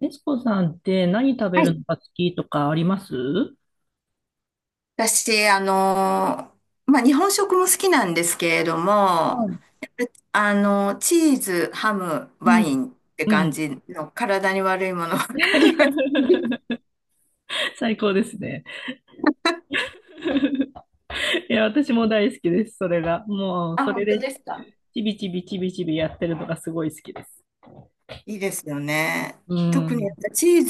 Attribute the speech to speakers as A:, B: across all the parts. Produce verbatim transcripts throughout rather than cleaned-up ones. A: エスコさんって何食べ
B: は
A: る
B: い。
A: のが好きとかあります？は
B: 私、あのー、まあ、日本食も好きなんですけれども、
A: い。
B: やっぱあのー、チーズ、ハム、
A: う
B: ワイ
A: ん。
B: ンって
A: う
B: 感
A: ん。
B: じの体に悪いものばっかりが
A: 最高ですね。いや、私も大好きです、それが。もう、
B: あ、
A: それ
B: 本当
A: で、
B: ですか。
A: ちびちびちびちびやってるのがすごい好きです。
B: いいですよね。
A: う
B: 特にやっ
A: ん。
B: ぱチー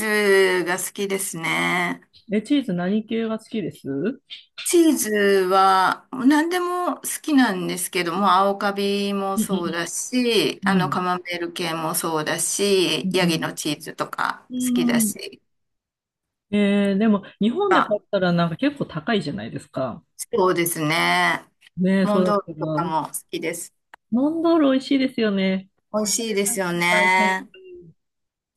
B: ズが好きですね。
A: え、チーズ何系が好きです？うん
B: チーズは何でも好きなんですけども、青カビも
A: うん
B: そうだし、
A: う
B: あ
A: ん。う
B: の
A: ん。
B: カマンベール系もそうだ
A: う
B: し、ヤギ
A: ん。
B: のチーズとか
A: う
B: 好きだ
A: ん。
B: し。
A: えーでも、日本で買ったらなんか結構高いじゃないですか。
B: そうですね。
A: ねえ、
B: モ
A: そ
B: ン
A: うだ
B: ド
A: っ
B: ー
A: た
B: ルと
A: ら、
B: かも好きです。
A: モンドール美味しいですよね。
B: 美味
A: 食
B: しい
A: べ
B: で
A: ま
B: す
A: す。
B: よ
A: 大変。
B: ね。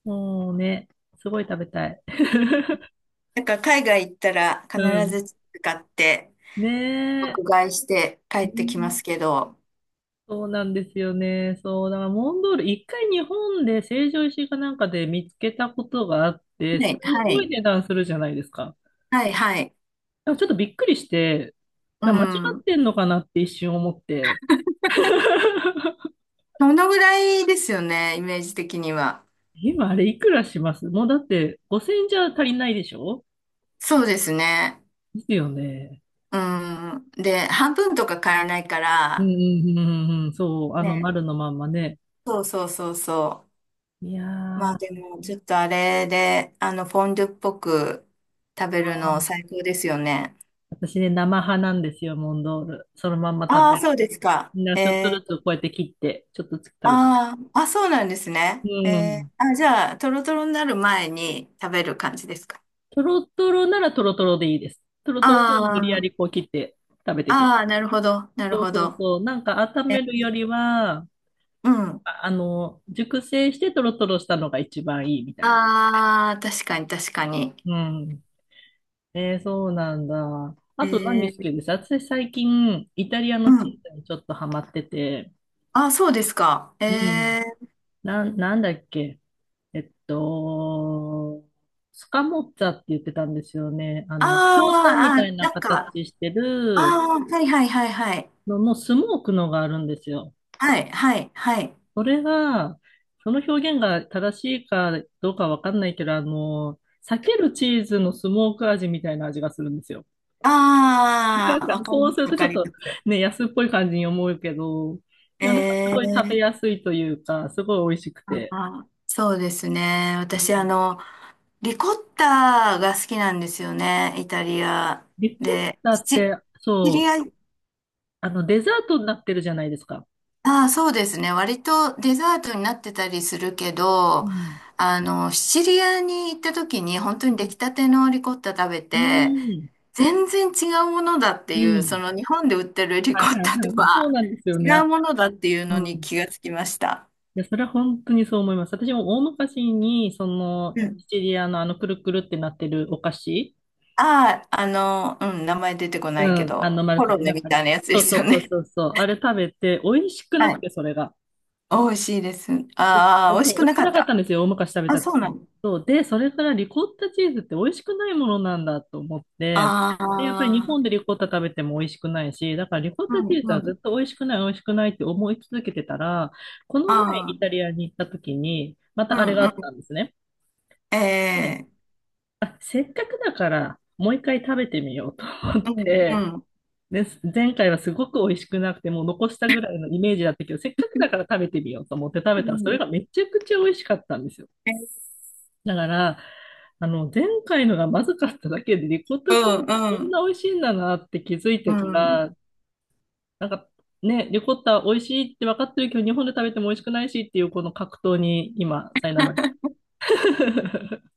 A: もうね、すごい食べたい。
B: なんか海外行ったら必
A: うん。
B: ず使って、
A: ねえ。
B: 爆買いして帰
A: ね
B: ってきます
A: え、
B: けど。
A: そうなんですよね。そう、だからモンドール、一回日本で成城石井かなんかで見つけたことがあって、
B: は
A: す
B: い、は
A: ごい
B: い、
A: 値段するじゃないですか。だ
B: はい、はい。
A: からちょっとびっくりして、
B: う
A: だから間違っ
B: ん。
A: てんのかなって一瞬思って。
B: そのぐらいですよね、イメージ的には。
A: 今あれいくらします？もうだってごせんじゃ足りないでしょ？
B: そうですね。
A: ですよね。
B: うん。で、半分とか買えないか
A: うんう
B: ら、
A: んうんうんうん、そう、あの
B: ね。
A: 丸のまんまね。
B: そうそうそうそ
A: いや
B: う。まあで
A: ー、
B: も、ちょっとあれで、あの、フォンデュっぽく食べるの最高ですよね。
A: 私ね、生派なんですよ、モンドール。そのまんま食
B: あ
A: べ
B: あ、そ
A: る。
B: うですか。
A: みんなちょっと
B: え
A: ずつ
B: ー、
A: こうやって切って、ちょっとずつ食べる。
B: あーあ、そうなんですね。
A: う
B: えー、
A: ん。
B: あ、じゃあ、トロトロになる前に食べる感じですか。
A: トロトロならトロトロでいいです。トロトロを無理や
B: あ
A: りこう切って食べていきます。
B: あ、ああ、なるほど、なる
A: そう
B: ほ
A: そう
B: ど。
A: そう。なんか温
B: え
A: めるよ
B: ー、
A: りは、
B: うん。
A: あ、あの、熟成してトロトロしたのが一番いいみたいな。
B: ああ、確かに、確かに。
A: うん。えー、そうなんだ。
B: え
A: あと何好
B: ー、
A: きです？私最近、イタリア
B: う
A: のチ
B: ん。
A: ーズにちょっとハマってて、
B: あ、そうですか。
A: うん。
B: えー、
A: なん、なんだっけえっと、スカモッツァって言ってたんですよね。あ
B: あ
A: の、ひょうたんみた
B: あ、
A: い
B: あ、な
A: な
B: んか、
A: 形して
B: あ
A: る
B: あ、はいはいはいはい。
A: ののスモークのがあるんですよ。
B: はい、はい、はい。
A: それが、その表現が正しいかどうかわかんないけど、あの、避けるチーズのスモーク味みたいな味がするんですよ。
B: あ あ、
A: なん
B: わ
A: か
B: かり
A: そう
B: ま
A: す
B: す、
A: る
B: わ
A: とちょ
B: か
A: っ
B: り
A: と
B: ます。
A: ね、安っぽい感じに思うけど、い
B: え
A: や、なんかすごい食べ
B: ー
A: やすいというか、すごい美味しくて。
B: あーそうですね。
A: う
B: 私、あ
A: ん。
B: の、リコッタが好きなんですよね、イタリア。
A: リコッ
B: で、
A: タ
B: シ
A: っ
B: チシ
A: て、
B: チリ
A: そう、
B: ア、
A: あの、デザートになってるじゃないですか。
B: ああ、そうですね。割とデザートになってたりするけ
A: う
B: ど、
A: ん。
B: あの、シチリアに行った時に本当
A: う
B: に出
A: ん。
B: 来たてのリコッタ食べ
A: う
B: て、
A: ん。
B: 全然違うものだって
A: う
B: いう、そ
A: ん。
B: の日本で売ってるリ
A: は
B: コ
A: いは
B: ッ
A: い
B: タ
A: は
B: と
A: いはい。そう
B: は
A: なんですよね。
B: 違う
A: あ。
B: ものだっていうの
A: う
B: に
A: ん。い
B: 気がつきました。
A: や、それは本当にそう思います。私も大昔に、その、
B: うん
A: シチリアのあの、くるくるってなってるお菓子。
B: ああ、あの、うん、名前出てこ
A: う
B: ないけ
A: ん。あ
B: ど、
A: の、丸
B: コ
A: く
B: ロ
A: て
B: ネみ
A: 中
B: たいな
A: に。
B: やつで
A: そう
B: す
A: そ
B: よ
A: うそう
B: ね。
A: そうそう。あれ食べて、美味し くな
B: は
A: く
B: い。
A: て、それが。
B: 美味しいです。あ
A: そ
B: あ、美
A: う、
B: 味
A: 美
B: しく
A: 味
B: な
A: しく
B: か
A: な
B: っ
A: かった
B: た。
A: んですよ、大昔食べ
B: あ、
A: た
B: そうな
A: 時。
B: の。
A: そう、で、それからリコッタチーズって美味しくないものなんだと思って、で、やっぱり日
B: あ
A: 本で
B: あ、
A: リコッタ食べても美味しくないし、だからリコッ
B: う
A: タチ
B: ん
A: ーズ
B: う
A: はず
B: ん。
A: っと美味しくない、美味しくないって思い続けてたら、この前
B: あ
A: イ
B: あ、
A: タリアに行った時に、ま
B: う
A: たあ
B: ん
A: れがあ
B: う
A: ったん
B: ん。
A: ですね。で、
B: ええ
A: あ、せっかくだから、もう一回食べてみようと思っ
B: うんう
A: て、
B: ん。
A: で、前回はすごく美味しくなくて、もう残したぐらいのイメージだったけど、せっかくだから食べてみようと思って食
B: う
A: べたら、それ
B: ん
A: がめちゃくちゃ美味しかったんですよ。
B: えー
A: だから、あの、前回のがまずかっただけで、リコッ
B: う
A: タチーズっ
B: ん
A: てこ
B: う
A: ん
B: ん
A: な美味しいんだなって気づい
B: う
A: てか
B: ん。
A: ら、なんかね、リコッタ美味しいって分かってるけど、日本で食べても美味しくないしっていうこの格闘に今、苛まれてる。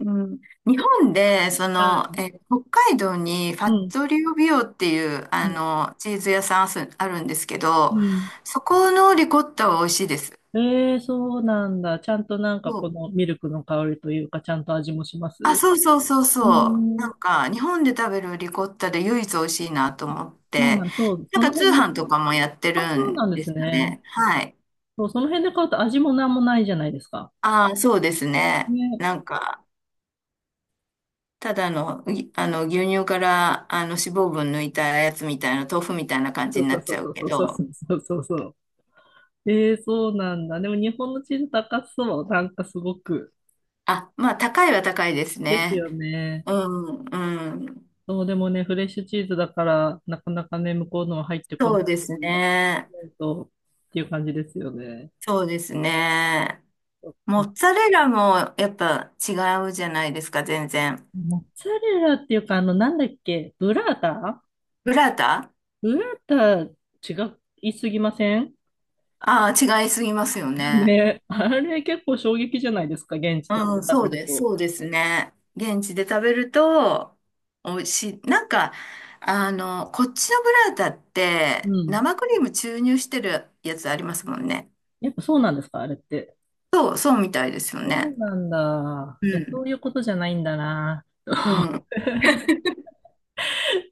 B: うん、日本で、そ
A: は
B: の、
A: い。
B: え、北海道にファ
A: う
B: ッ
A: ん。
B: トリオビオっていう、
A: う
B: あ
A: ん。
B: の、チーズ屋さんあすあるんですけ
A: う
B: ど、
A: ん。
B: そこのリコッタは美味しいです。
A: えー、そうなんだ。ちゃんとなんか
B: そ
A: こ
B: う
A: のミルクの香りというか、ちゃんと味もします？
B: あ、
A: う
B: そうそうそう
A: ー
B: そう。な
A: ん。
B: んか、日本で食べるリコッタで唯一美味しいなと
A: あ、
B: 思っ
A: そうな
B: て、
A: ん、そう、
B: なん
A: そ
B: か
A: の
B: 通
A: 辺の、
B: 販とかもやって
A: あ、
B: る
A: そうなん
B: ん
A: で
B: で
A: す
B: すよ
A: ね。
B: ね。はい。
A: そう、その辺で買うと味もなんもないじゃないですか。
B: ああ、そうですね。
A: ね、
B: なんか、ただの、ぎあの、牛乳から、あの、脂肪分抜いたやつみたいな、豆腐みたいな感
A: そ
B: じ
A: う
B: に
A: そ
B: な
A: う
B: っ
A: そ
B: ち
A: う
B: ゃう
A: そう
B: け
A: そうそう
B: ど、
A: そうそうそう。ええ、そうなんだ。でも日本のチーズ高そう。なんかすごく。
B: あ、まあ、高いは高いです
A: です
B: ね。
A: よね。
B: うん、うん。
A: そう、でもね、フレッシュチーズだから、なかなかね、向こうのは入ってこ
B: そう
A: ない
B: です
A: し、そう
B: ね。
A: 思うと、っていう感じですよね。
B: そうですね。
A: そっ
B: モッ
A: か。
B: ツァレラもやっぱ違うじゃないですか、全然。
A: モッツァレラっていうか、あの、なんだっけ、ブラータ。
B: ブラータ
A: ブラータ、違いすぎません？
B: ああー、違いすぎますよ ね。
A: ね、あれ結構衝撃じゃないですか、現地とかで
B: うん、
A: 食
B: そ
A: べ
B: う
A: る
B: です。
A: と。
B: そうですね。現地で食べると、美味しい。なんか、あの、こっちのブラータっ
A: う
B: て、
A: ん。
B: 生クリーム注入してるやつありますもんね。
A: やっぱそうなんですか、あれって。
B: そう、そうみたいですよ
A: そ
B: ね。
A: うなんだ。
B: う
A: いや、そう
B: ん。
A: いうことじゃないんだな。
B: うん。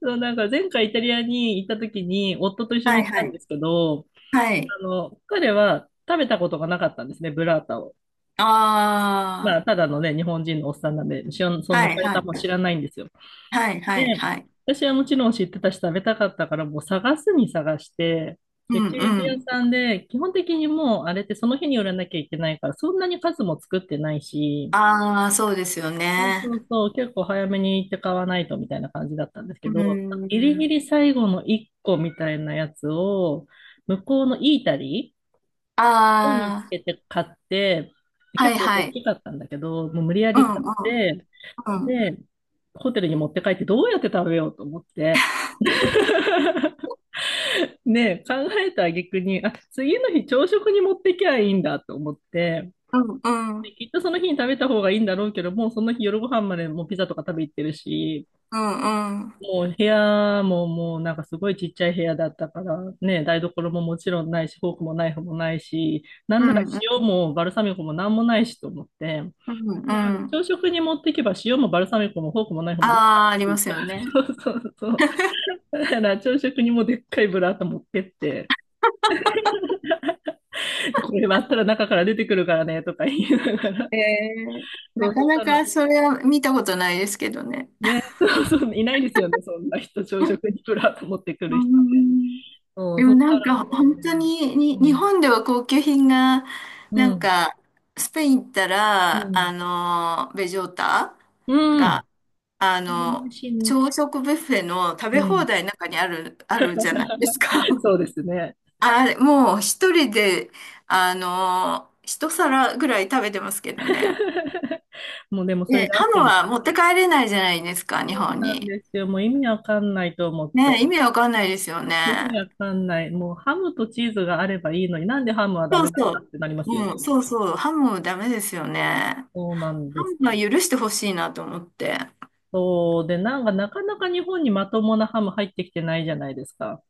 A: そう、なんか前回イタリアに行った時に夫と一緒
B: は
A: に
B: い
A: 行っ
B: は
A: たんで
B: い。
A: すけど、
B: はい。
A: あの、彼は食べたことがなかったんですね、ブラータを。ま
B: あ
A: あ、ただのね、日本人のおっさんなんで、しょそ
B: あ、
A: んな
B: はい
A: され
B: は
A: たもん
B: い。
A: 知らないんですよ。
B: はいはい
A: で、
B: はい。
A: 私はもちろん知ってたし食べたかったから、もう探すに探して、
B: う
A: で、
B: ん
A: チ
B: う
A: ーズ屋
B: ん。
A: さんで、基本的にもうあれってその日に売らなきゃいけないから、そんなに数も作ってないし、
B: ああ、そうですよ
A: そうそ
B: ね。
A: うそう、結構早めに行って買わないとみたいな感じだったんですけ
B: う
A: ど、ギリギ
B: ん。
A: リ最後のいっこみたいなやつを、向こうのイータリーを見つ
B: あ
A: けて買って、
B: あ、は
A: 結
B: い
A: 構
B: は
A: 大
B: い。
A: きかったんだけど、もう無理や
B: う
A: り
B: んう
A: 買っ
B: ん
A: て、
B: うん、
A: で、ホテルに持って帰ってどうやって食べようと思って。ねえ、考えた挙句に、あ、次の日朝食に持ってきゃいいんだと思って、
B: うん、う
A: で、
B: ん、
A: きっとその日に食べた方がいいんだろうけど、もうその日夜ご飯までもうピザとか食べ行ってるし、
B: うん、うん、
A: もう部屋ももうなんかすごいちっちゃい部屋だったから、ね、台所ももちろんないし、フォークもナイフもないし、なん
B: う
A: なら
B: ん、
A: 塩もバルサミコもなんもないしと思って、
B: うん、
A: で、でも
B: うん。
A: 朝食に持っていけば塩もバルサミコもフォークもナイフも全部あ
B: あ
A: る
B: あー、ありま
A: し、
B: すよ ね。
A: そうそうそう。だから朝食にもでっかいブラータ持ってって、これ割ったら中から出てくるからねとか言いながら、
B: えー、
A: そ
B: な
A: う、そ
B: か
A: し
B: な
A: たら、
B: かそれは見たことないですけどね。
A: ね、そうそう、いないですよね、そんな人、朝食にブラータ持ってく
B: う
A: る人。
B: ん、
A: そう、
B: で
A: そ
B: も
A: し
B: な
A: た
B: ん
A: らも
B: か
A: う
B: 本当
A: ね、
B: に、に、日
A: も
B: 本では高級品が、
A: う
B: な
A: ん。う
B: ん
A: ん。
B: か、スペイン行った
A: う
B: ら、あ
A: ん。
B: の、ベジョータ
A: うん。
B: が、あ
A: でも美
B: の、
A: 味しいね。
B: 朝食ビュッフェの食
A: う
B: べ放
A: ん。
B: 題の中にある、あるじゃないですか。
A: そう ですね。
B: あれ、もう一人で、あの一皿ぐらい食べてますけどね。
A: もうでもそれ
B: ね、
A: で合
B: ハ
A: っ
B: ム
A: てる。
B: は持って帰れないじゃないですか、日
A: そう
B: 本
A: なん
B: に。
A: ですよ。もう意味わかんないと思っ
B: ね、
A: て。
B: 意味わかんないですよ
A: 意味
B: ね。
A: わかんない。もうハムとチーズがあればいいのになんでハムはダ
B: そう
A: メなん
B: そ
A: だっ
B: う。
A: てなりますよね。
B: うん、そうそう。ハムダメですよね。
A: そうなん
B: ハ
A: です。
B: ムは許してほしいなと思って。
A: そう。で、なんかなかなか日本にまともなハム入ってきてないじゃないですか。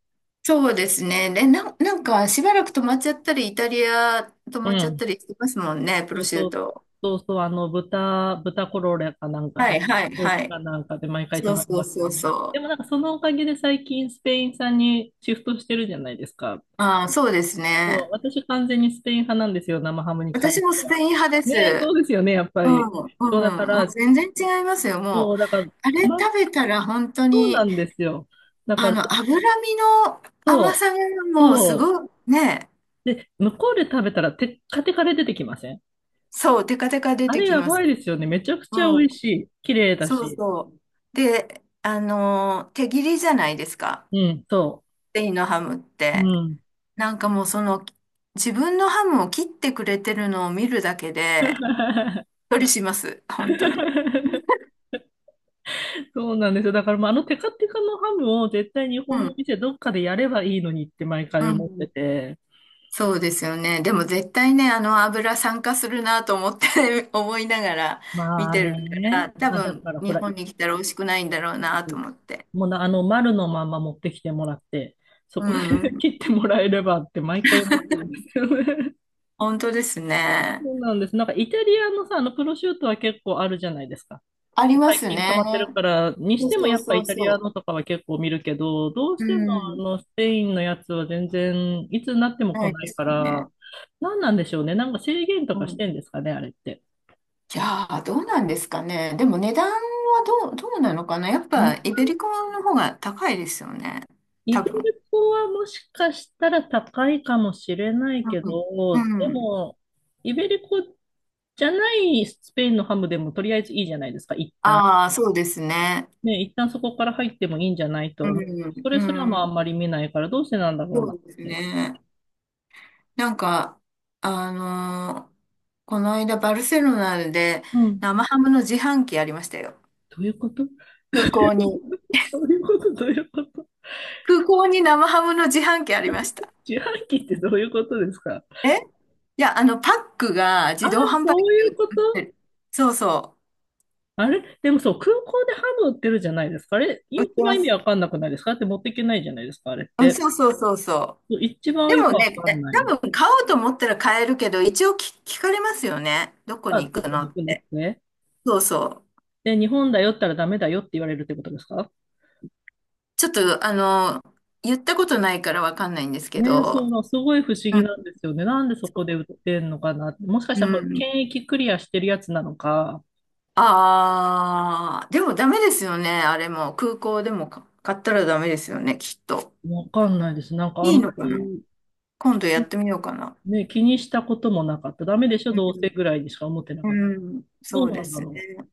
B: そうですね。で、な、なんかしばらく止まっちゃったり、イタリア止
A: う
B: まっちゃった
A: ん。
B: りしてますもんね、プ
A: そ
B: ロ
A: う
B: シュ
A: そ
B: ー
A: う、
B: ト。
A: そうそう、あの、豚、豚コロレかなんか
B: は
A: で、
B: いはい
A: 病
B: は
A: 気
B: い。
A: かなんかで毎回
B: そ
A: 泊
B: う
A: まり
B: そう
A: ます
B: そ
A: よ
B: う
A: ね。で
B: そ
A: も
B: う。
A: なんかそのおかげで最近スペイン産にシフトしてるじゃないですか。
B: ああ、そうです
A: そう、
B: ね。
A: 私完全にスペイン派なんですよ、生ハムに関し
B: 私も
A: て
B: スペ
A: は。
B: イン派で
A: ねえ、そ
B: す。
A: うですよね、やっぱ
B: うん、
A: り。
B: う
A: そうだか
B: ん、もう
A: ら、
B: 全然違いますよ。もう、
A: そう、だから、
B: あ
A: た
B: れ食
A: ま、
B: べたら本当
A: そうな
B: に、
A: んですよ。だか
B: あ
A: ら、
B: の、脂身の甘
A: そう、
B: さがもうす
A: そ
B: ごい、ね、
A: う。で、向こうで食べたらテッカテカで出てきません？
B: そう、テカテカ出
A: あ
B: て
A: れ
B: き
A: や
B: ま
A: ば
B: す。
A: いですよね。めちゃくちゃ
B: う
A: 美味
B: ん、
A: しい。綺麗だ
B: そう
A: し。
B: そう。で、あの、手切りじゃないですか。
A: うん、そ
B: スペインのハムっ
A: う。う
B: て。
A: ん。
B: なんかもうその、自分のハムを切ってくれてるのを見るだけで、りします。本当に。
A: そうなんですよ。だから、まあ、あのテカテカのハムを絶対日
B: う
A: 本の
B: ん、
A: 店どっかでやればいいのにって毎回
B: う
A: 思って
B: ん。
A: て。
B: そうですよね。でも絶対ね、あの油酸化するなと思って 思いながら見
A: まあ
B: てるか
A: ね。
B: ら、多
A: まあ、だ
B: 分
A: から、ほ
B: 日
A: ら、
B: 本に来たら美味しくないんだろうなと思って。
A: もうな、あの丸のまま持ってきてもらって、そ
B: う
A: こで 切
B: ん。
A: ってもらえればって毎回思ってるんですよね。
B: 本当です
A: そ
B: ね。
A: うなんです。なんかイタリアのさ、あのプロシュートは結構あるじゃないですか。
B: ありま
A: 最
B: す
A: 近溜
B: ね。
A: まってるから、に
B: そ
A: し
B: う
A: ても
B: そ
A: や
B: う
A: っぱ
B: そ
A: イ
B: う
A: タリア
B: そ
A: のとかは結構見るけど、どう
B: う。う
A: してもあ
B: ん。
A: のスペインのやつは全然いつになっても
B: な
A: 来
B: い
A: な
B: で
A: い
B: す
A: か
B: よね。
A: ら、何なんでしょうね。なんか制限と
B: う
A: かし
B: ん。
A: てんですかね、あれって。
B: じゃあ、どうなんですかね。でも値段はどう、どうなのかな。やっ
A: イ
B: ぱイベリコの方が高いですよね。
A: イ
B: 多
A: ベ
B: 分。
A: ルコはもしかしたら高いかもしれないけ
B: うん。う
A: ど、で
B: ん。
A: も、イベリコじゃないスペインのハムでもとりあえずいいじゃないですか、一旦。
B: ああ、そうですね。
A: ね、一旦そこから入ってもいいんじゃないと
B: う
A: 思うけ
B: ん、
A: ど。それ
B: う
A: すらもあ
B: ん
A: んまり見ないから、どうしてなんだろ
B: そ
A: うなっ
B: うです
A: て。
B: ね。なんか、あのーこの間バルセロナで
A: うん。
B: 生ハムの自販機ありましたよ。
A: どういうこと？
B: 空港に。
A: どういうこと？どういうこと？
B: 空港に生ハムの自販機ありました。
A: 自販機ってどういうことですか？
B: えいや、あの、パックが
A: あ
B: 自
A: あ、
B: 動販売
A: そう
B: 機で
A: いう
B: 売
A: こ
B: って
A: と？
B: る。そうそ
A: あれでもそう、空港でハム売ってるじゃないですか。あれ、一
B: う。売って
A: 番
B: ま
A: 意味
B: す。
A: わかんなくないですか？だって持っていけないじゃないですか、あれっ
B: うん、
A: て。
B: そうそうそうそう。
A: そう。一番
B: で
A: よく
B: も
A: わ
B: ね、
A: かん
B: え
A: ない。
B: 多分買おうと思ったら買えるけど、一応き聞かれますよね。どこ
A: あ、
B: に行
A: ど
B: く
A: こ
B: の
A: に行
B: っ
A: くのっ
B: て。
A: て？
B: そうそう。
A: で、日本だよったらダメだよって言われるってことですか？
B: ちょっと、あの、言ったことないからわかんないんですけ
A: ね、
B: ど、
A: そう、すごい不思
B: う
A: 議
B: ん
A: なんですよね。なんでそこで売ってんのかな。もしかし
B: う
A: たら、
B: ん。
A: 検疫クリアしてるやつなのか、
B: ああ、でもダメですよね。あれも、空港でもか買ったらダメですよね、きっと。
A: わかんないです。なんかあ
B: い
A: ん
B: い
A: ま
B: のかな
A: り
B: 今度やってみようかな。
A: ね、気にしたこともなかった。ダメでしょ、
B: う
A: どうせ
B: ん。
A: ぐらいにしか思ってなかった。
B: うん、
A: ど
B: そ
A: う
B: う
A: な
B: で
A: んだ
B: すね。
A: ろう。